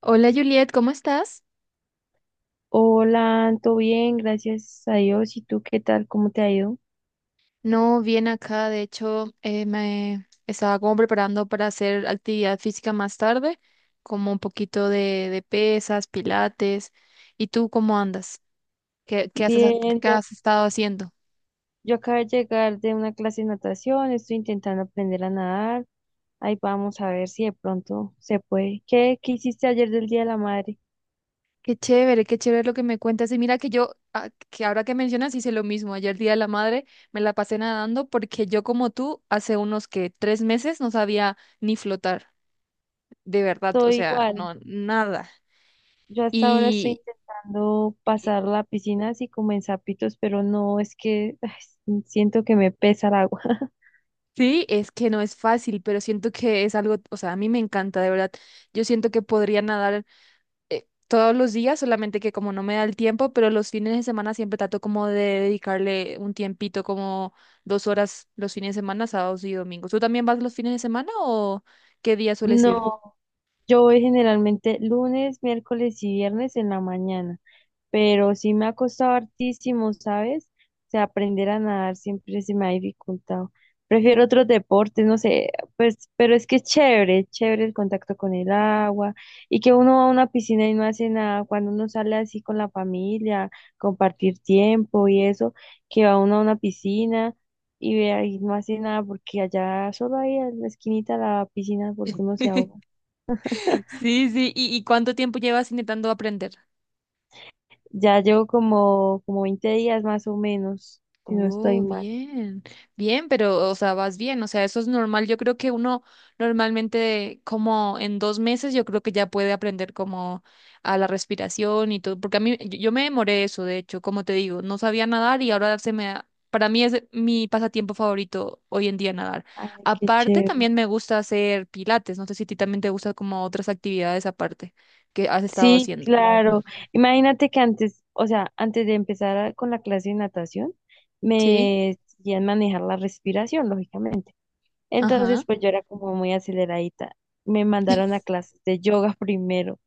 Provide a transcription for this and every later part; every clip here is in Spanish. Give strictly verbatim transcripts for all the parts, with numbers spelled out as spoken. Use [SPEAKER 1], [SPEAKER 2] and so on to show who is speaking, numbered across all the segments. [SPEAKER 1] Hola Juliet, ¿cómo estás?
[SPEAKER 2] Hola, todo bien, gracias a Dios. ¿Y tú qué tal? ¿Cómo te ha ido?
[SPEAKER 1] No, bien acá, de hecho, eh, me estaba como preparando para hacer actividad física más tarde, como un poquito de, de pesas, pilates. ¿Y tú cómo andas? ¿Qué, qué haces, a-
[SPEAKER 2] Bien,
[SPEAKER 1] qué
[SPEAKER 2] yo,
[SPEAKER 1] has estado haciendo?
[SPEAKER 2] yo acabo de llegar de una clase de natación, estoy intentando aprender a nadar. Ahí vamos a ver si de pronto se puede. ¿Qué, qué hiciste ayer del Día de la Madre?
[SPEAKER 1] Qué chévere, qué chévere lo que me cuentas. Y mira que yo, ah, que ahora que mencionas, hice lo mismo. Ayer Día de la Madre me la pasé nadando porque yo como tú, hace unos que tres meses no sabía ni flotar, de verdad, o
[SPEAKER 2] Estoy
[SPEAKER 1] sea,
[SPEAKER 2] igual.
[SPEAKER 1] no, nada.
[SPEAKER 2] Yo hasta ahora estoy
[SPEAKER 1] Y,
[SPEAKER 2] intentando pasar la piscina así como en zapitos, pero no, es que ay, siento que me pesa el agua.
[SPEAKER 1] sí, es que no es fácil, pero siento que es algo, o sea, a mí me encanta, de verdad. Yo siento que podría nadar eh, todos los días, solamente que como no me da el tiempo, pero los fines de semana siempre trato como de dedicarle un tiempito, como dos horas los fines de semana, sábados y domingos. ¿Tú también vas los fines de semana o qué día sueles ir?
[SPEAKER 2] No, yo voy generalmente lunes, miércoles y viernes en la mañana. Pero sí me ha costado hartísimo, ¿sabes? O sea, aprender a nadar siempre se me ha dificultado. Prefiero otros deportes, no sé, pues, pero es que es chévere, chévere el contacto con el agua y que uno va a una piscina y no hace nada, cuando uno sale así con la familia, compartir tiempo y eso, que va uno a una piscina y ve ahí no hace nada porque allá solo ahí en la esquinita de la piscina porque uno se ahoga.
[SPEAKER 1] Sí, sí, ¿y, y cuánto tiempo llevas intentando aprender?
[SPEAKER 2] Ya llevo como, como veinte días más o menos, si no estoy
[SPEAKER 1] Oh,
[SPEAKER 2] mal.
[SPEAKER 1] bien, bien, pero, o sea, vas bien, o sea, eso es normal. Yo creo que uno normalmente, como en dos meses, yo creo que ya puede aprender como a la respiración y todo, porque a mí, yo yo me demoré eso, de hecho, como te digo, no sabía nadar y ahora se me, da- para mí es mi pasatiempo favorito hoy en día nadar.
[SPEAKER 2] Ay, qué
[SPEAKER 1] Aparte,
[SPEAKER 2] chévere.
[SPEAKER 1] también me gusta hacer pilates, no sé si a ti también te gusta como otras actividades aparte que has estado
[SPEAKER 2] Sí,
[SPEAKER 1] haciendo.
[SPEAKER 2] claro. Imagínate que antes, o sea, antes de empezar a- con la clase de natación,
[SPEAKER 1] Sí,
[SPEAKER 2] me hacían manejar la respiración, lógicamente. Entonces,
[SPEAKER 1] ajá,
[SPEAKER 2] pues yo era como muy aceleradita. Me mandaron a clases de yoga primero.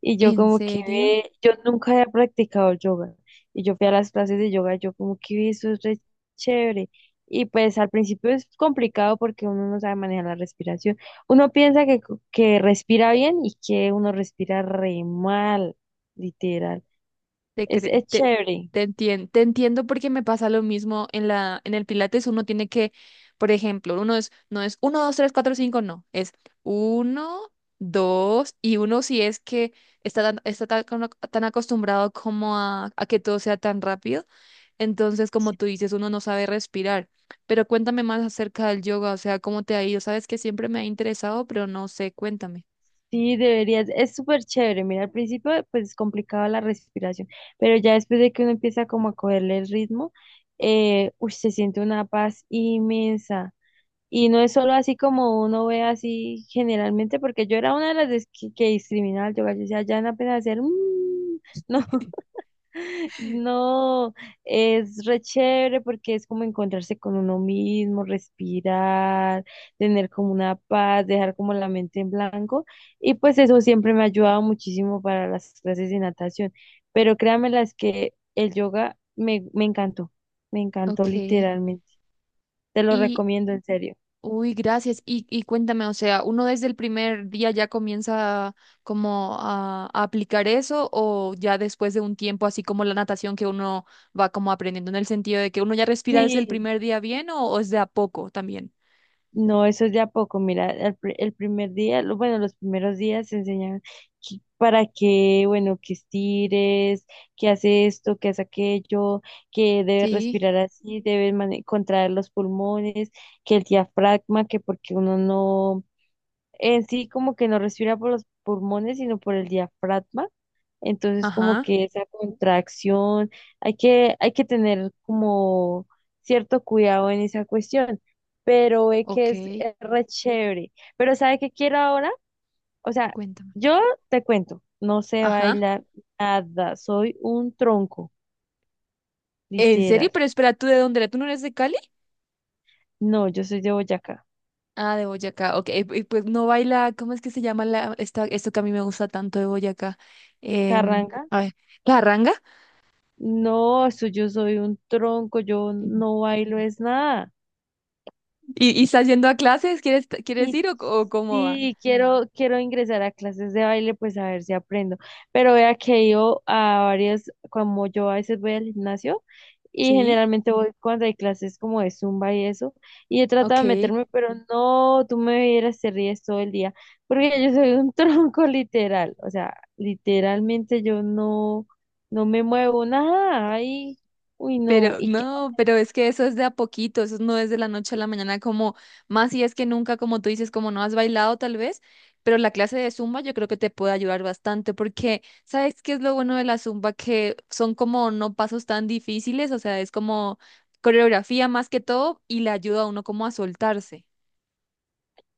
[SPEAKER 2] Y yo
[SPEAKER 1] ¿en
[SPEAKER 2] como que
[SPEAKER 1] serio?
[SPEAKER 2] ve, yo nunca había practicado yoga. Y yo fui a las clases de yoga, yo como que ve, eso es re chévere. Y pues al principio es complicado porque uno no sabe manejar la respiración. Uno piensa que, que respira bien y que uno respira re mal, literal.
[SPEAKER 1] Te,
[SPEAKER 2] Es,
[SPEAKER 1] cre-
[SPEAKER 2] es
[SPEAKER 1] te,
[SPEAKER 2] chévere.
[SPEAKER 1] te entien- te entiendo porque me pasa lo mismo en la, en el Pilates. Uno tiene que, por ejemplo, uno es, no es uno, dos, tres, cuatro, cinco, no. Es uno, dos, y uno si es que está tan, está tan, como- tan acostumbrado como a, a que todo sea tan rápido. Entonces, como tú dices, uno no sabe respirar. Pero cuéntame más acerca del yoga, o sea, cómo te ha ido. Sabes que siempre me ha interesado, pero no sé, cuéntame.
[SPEAKER 2] Sí, deberías, es súper chévere. Mira, al principio pues es complicado la respiración, pero ya después de que uno empieza como a cogerle el ritmo, eh, uy, se siente una paz inmensa. Y no es solo así como uno ve así generalmente, porque yo era una de las des- que, que discriminaba al yoga. Yo decía, ya no apenas hacer, "Mm", no, no, es re chévere porque es como encontrarse con uno mismo, respirar, tener como una paz, dejar como la mente en blanco. Y pues eso siempre me ha ayudado muchísimo para las clases de natación. Pero créanme las que el yoga me, me encantó, me encantó
[SPEAKER 1] Ok.
[SPEAKER 2] literalmente. Te lo
[SPEAKER 1] ¿Y,
[SPEAKER 2] recomiendo en serio.
[SPEAKER 1] uy, gracias. Y, y cuéntame, o sea, ¿uno desde el primer día ya comienza como a, a aplicar eso o ya después de un tiempo, así como la natación que uno va como aprendiendo en el sentido de que uno ya respira desde el
[SPEAKER 2] Sí.
[SPEAKER 1] primer día bien o, o es de a poco también?
[SPEAKER 2] No, eso es de a poco. Mira, el, pri- el primer día, lo- bueno, los primeros días se enseñan que- para que, bueno, que estires, que haces esto, que haces aquello, que debes
[SPEAKER 1] Sí,
[SPEAKER 2] respirar así, debes mane- contraer los pulmones, que el diafragma, que porque uno no, en sí como que no respira por los pulmones, sino por el diafragma. Entonces, como
[SPEAKER 1] ajá,
[SPEAKER 2] que esa contracción, hay que, hay que tener como cierto cuidado en esa cuestión, pero ve que
[SPEAKER 1] ok,
[SPEAKER 2] es, es re chévere. Pero ¿sabe qué quiero ahora? O sea,
[SPEAKER 1] cuéntame.
[SPEAKER 2] yo te cuento, no sé
[SPEAKER 1] Ajá.
[SPEAKER 2] bailar nada, soy un tronco,
[SPEAKER 1] ¿En serio?
[SPEAKER 2] literal.
[SPEAKER 1] Pero espera, ¿tú de dónde eres? ¿Tú no eres de Cali?
[SPEAKER 2] No, yo soy de Boyacá.
[SPEAKER 1] Ah, de Boyacá, ok. eh, eh, Pues no baila, ¿cómo es que se llama la, esta, esto que a mí me gusta tanto de Boyacá? Em,
[SPEAKER 2] Carranga,
[SPEAKER 1] a ver, ¿la ranga?
[SPEAKER 2] no, eso yo soy un tronco, yo no bailo es nada.
[SPEAKER 1] ¿Y, y estás yendo a clases? ¿Quieres, quieres
[SPEAKER 2] Y
[SPEAKER 1] ir o, o cómo va?
[SPEAKER 2] sí, quiero, quiero ingresar a clases de baile, pues a ver si aprendo. Pero vea que he ido a varias, como yo a veces voy al gimnasio y
[SPEAKER 1] Sí,
[SPEAKER 2] generalmente voy cuando hay clases como de Zumba y eso, y he tratado de
[SPEAKER 1] ok.
[SPEAKER 2] meterme, pero no, tú me vieras, te ríes todo el día, porque yo soy un tronco literal, o sea, literalmente yo no, no me muevo nada, ay, uy, no,
[SPEAKER 1] Pero
[SPEAKER 2] y
[SPEAKER 1] no, pero es que eso es de a poquito, eso no es de la noche a la mañana, como más si es que nunca, como tú dices, como no has bailado tal vez, pero la clase de Zumba yo creo que te puede ayudar bastante porque, ¿sabes qué es lo bueno de la Zumba? Que son como no pasos tan difíciles, o sea, es como coreografía más que todo y le ayuda a uno como a soltarse.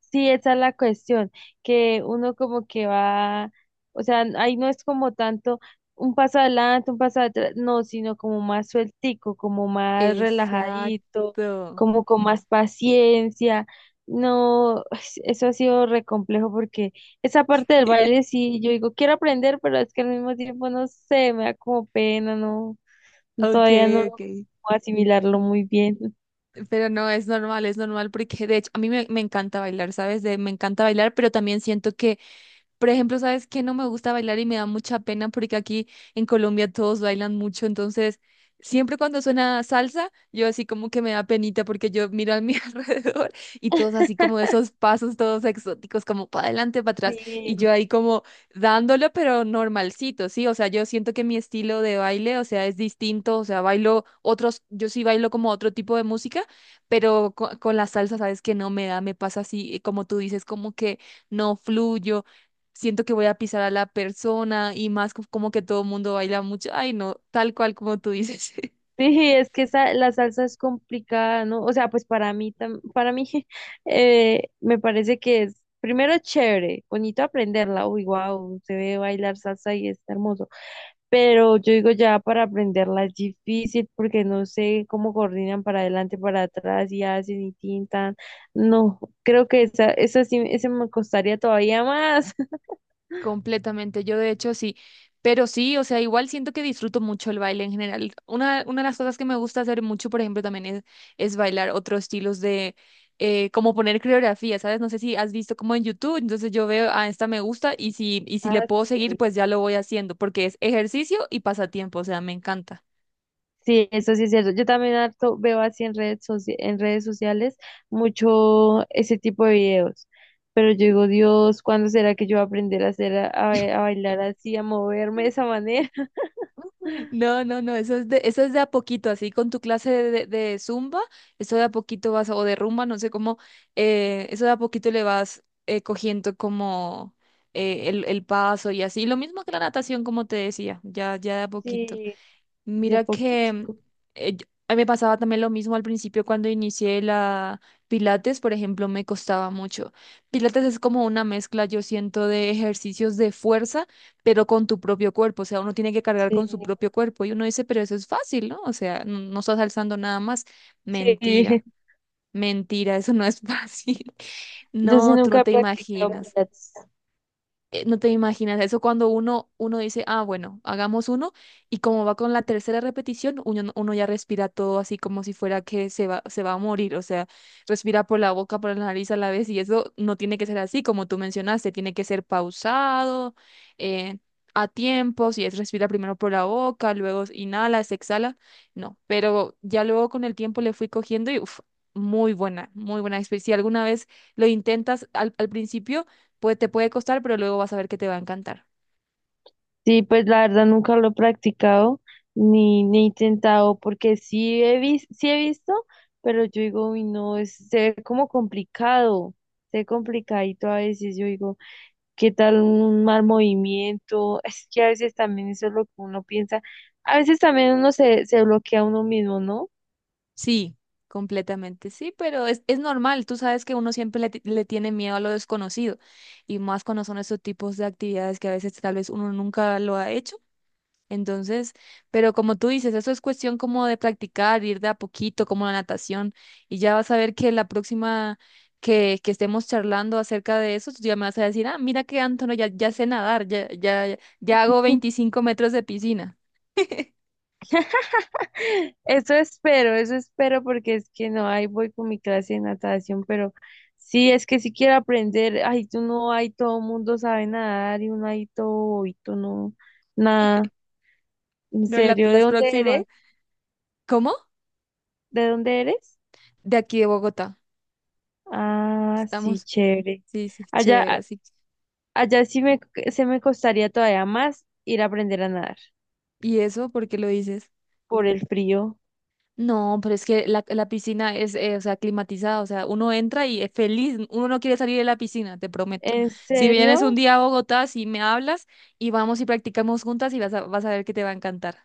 [SPEAKER 2] sí, esa es la cuestión, que uno como que va, o sea, ahí no es como tanto un paso adelante, un paso atrás, no, sino como más sueltico, como más relajadito,
[SPEAKER 1] Exacto.
[SPEAKER 2] como con más paciencia. No, eso ha sido re complejo porque esa parte del baile sí, yo digo, quiero aprender, pero es que al mismo tiempo no sé, me da como pena, no,
[SPEAKER 1] Ok,
[SPEAKER 2] todavía no
[SPEAKER 1] ok.
[SPEAKER 2] logro asimilarlo muy bien.
[SPEAKER 1] Pero no, es normal, es normal porque de hecho a mí me, me encanta bailar, ¿sabes? De, me encanta bailar, pero también siento que por ejemplo, ¿sabes qué? No me gusta bailar y me da mucha pena porque aquí en Colombia todos bailan mucho, entonces siempre cuando suena salsa, yo así como que me da penita porque yo miro a mi alrededor y todos así como esos pasos todos exóticos, como para adelante, para atrás, y yo
[SPEAKER 2] Sí.
[SPEAKER 1] ahí como dándolo, pero normalcito, ¿sí? O sea, yo siento que mi estilo de baile, o sea, es distinto, o sea, bailo otros, yo sí bailo como otro tipo de música, pero co- con, la salsa, ¿sabes qué? No me da, me pasa así, como tú dices, como que no fluyo siento que voy a pisar a la persona y más co- como que todo el mundo baila mucho. Ay, no, tal cual como tú dices.
[SPEAKER 2] Sí, es que esa, la salsa es complicada, ¿no? O sea, pues para mí, tam- para mí eh, me parece que es, primero chévere, bonito aprenderla, uy, wow, se ve bailar salsa y está hermoso, pero yo digo ya para aprenderla es difícil porque no sé cómo coordinan para adelante, para atrás y hacen y tintan, no, creo que esa, esa sí, ese me costaría todavía más.
[SPEAKER 1] Completamente, yo de hecho sí, pero sí, o sea, igual siento que disfruto mucho el baile en general. Una, una de las cosas que me gusta hacer mucho, por ejemplo, también es, es bailar otros estilos de, eh, como poner coreografía, ¿sabes? No sé si has visto como en YouTube, entonces yo veo, ah, esta me gusta y si, y si le
[SPEAKER 2] Ah,
[SPEAKER 1] puedo seguir,
[SPEAKER 2] sí.
[SPEAKER 1] pues ya lo voy haciendo, porque es ejercicio y pasatiempo, o sea, me encanta.
[SPEAKER 2] Sí, eso sí es cierto. Yo también harto veo así en redes soci- en redes sociales mucho ese tipo de videos. Pero yo digo, Dios, ¿cuándo será que yo voy a aprender a hacer, a, a ba- a bailar así, a moverme de esa manera?
[SPEAKER 1] No, no, no, eso es de, eso es de a poquito, así con tu clase de, de zumba, eso de a poquito vas, o de rumba, no sé cómo, eh, eso de a poquito le vas eh, cogiendo como eh, el, el paso y así. Lo mismo que la natación, como te decía, ya, ya de a poquito.
[SPEAKER 2] Sí, de a
[SPEAKER 1] Mira que
[SPEAKER 2] poquitico.
[SPEAKER 1] eh, yo- a mí me pasaba también lo mismo al principio cuando inicié la Pilates, por ejemplo, me costaba mucho. Pilates es como una mezcla, yo siento, de ejercicios de fuerza, pero con tu propio cuerpo. O sea, uno tiene que cargar
[SPEAKER 2] Sí,
[SPEAKER 1] con su propio cuerpo y uno dice, pero eso es fácil, ¿no? O sea, no, no estás alzando nada más.
[SPEAKER 2] sí.
[SPEAKER 1] Mentira, mentira, eso no es fácil.
[SPEAKER 2] Yo sí
[SPEAKER 1] No, tú
[SPEAKER 2] nunca
[SPEAKER 1] no
[SPEAKER 2] he
[SPEAKER 1] te
[SPEAKER 2] practicado
[SPEAKER 1] imaginas
[SPEAKER 2] pilates.
[SPEAKER 1] eh, No te imaginas eso cuando uno, uno dice, ah, bueno, hagamos uno, y como va con la tercera repetición, uno, no- uno ya respira todo así como si fuera que se va, se va a morir, o sea, respira por la boca, por la nariz a la vez, y eso no tiene que ser así, como tú mencionaste, tiene que ser pausado, eh, a tiempos, y es respira primero por la boca, luego inhalas, exhala, no, pero ya luego con el tiempo le fui cogiendo y, uff, muy buena, muy buena experiencia. Si alguna vez lo intentas al, al principio, Puede, te puede costar, pero luego vas a ver que te va a encantar.
[SPEAKER 2] Sí, pues la verdad nunca lo he practicado ni, ni he intentado, porque sí he visto, sí he visto, pero yo digo, uy, no, es, se ve como complicado, se ve complicadito a veces, yo digo, ¿qué tal un mal movimiento? Es que a veces también eso es lo que uno piensa, a veces también uno se, se bloquea a uno mismo, ¿no?
[SPEAKER 1] Sí, completamente sí, pero es, es normal. Tú sabes que uno siempre le, ti- le tiene miedo a lo desconocido y más cuando son estos tipos de actividades que a veces tal vez uno nunca lo ha hecho. Entonces, pero como tú dices, eso es cuestión como de practicar, ir de a poquito, como la natación, y ya vas a ver que la próxima que, que estemos charlando acerca de eso, tú ya me vas a decir, ah, mira que Antonio ya, ya sé nadar, ya, ya, ya hago veinticinco metros de piscina.
[SPEAKER 2] Eso espero, eso espero porque es que no, ahí voy con mi clase de natación, pero sí, es que si quiero aprender, ay, tú no, hay todo mundo sabe nadar y uno ahí todo, y tú no, nada, en
[SPEAKER 1] No, la-
[SPEAKER 2] serio, ¿de
[SPEAKER 1] las
[SPEAKER 2] dónde eres?
[SPEAKER 1] próximas. ¿Cómo?
[SPEAKER 2] ¿De dónde eres?
[SPEAKER 1] De aquí de Bogotá.
[SPEAKER 2] Ah, sí,
[SPEAKER 1] Estamos.
[SPEAKER 2] chévere.
[SPEAKER 1] Sí, sí,
[SPEAKER 2] Allá,
[SPEAKER 1] chévere,
[SPEAKER 2] a-
[SPEAKER 1] así.
[SPEAKER 2] allá sí me, se me costaría todavía más ir a aprender a nadar
[SPEAKER 1] ¿Y eso por qué lo dices?
[SPEAKER 2] por el frío.
[SPEAKER 1] No, pero es que la, la piscina es, eh, o sea, climatizada, o sea, uno entra y es feliz, uno no quiere salir de la piscina, te prometo.
[SPEAKER 2] ¿En
[SPEAKER 1] Si vienes un
[SPEAKER 2] serio?
[SPEAKER 1] día a Bogotá, si me hablas y vamos y practicamos juntas y vas a, vas a ver que te va a encantar.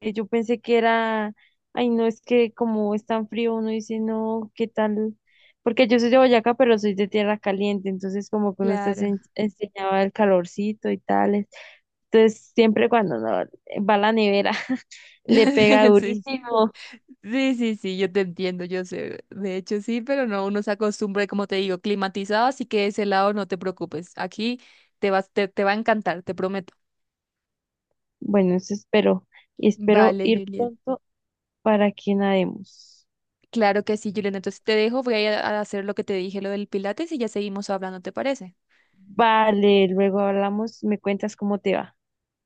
[SPEAKER 2] Eh, Yo pensé que era, ay, no, es que como es tan frío, uno dice, no, ¿qué tal? Porque yo soy de Boyacá, pero soy de tierra caliente, entonces como que uno está
[SPEAKER 1] Claro.
[SPEAKER 2] ense- enseñado al calorcito y tales. Entonces siempre cuando uno va a la nevera, le pega
[SPEAKER 1] Sí,
[SPEAKER 2] durísimo.
[SPEAKER 1] sí, sí, sí, yo te entiendo, yo sé. De hecho, sí, pero no, uno se acostumbra, y como te digo, climatizado, así que de ese lado no te preocupes. Aquí te vas, te, te va a encantar, te prometo.
[SPEAKER 2] Bueno, eso espero, y espero
[SPEAKER 1] Vale,
[SPEAKER 2] ir
[SPEAKER 1] Juliet.
[SPEAKER 2] pronto para que nademos.
[SPEAKER 1] Claro que sí, Juliet. Entonces te dejo, voy a ir a a hacer lo que te dije, lo del Pilates, y ya seguimos hablando, ¿te parece?
[SPEAKER 2] Vale, luego hablamos, me cuentas cómo te va.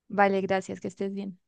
[SPEAKER 1] Vale, gracias, que estés bien.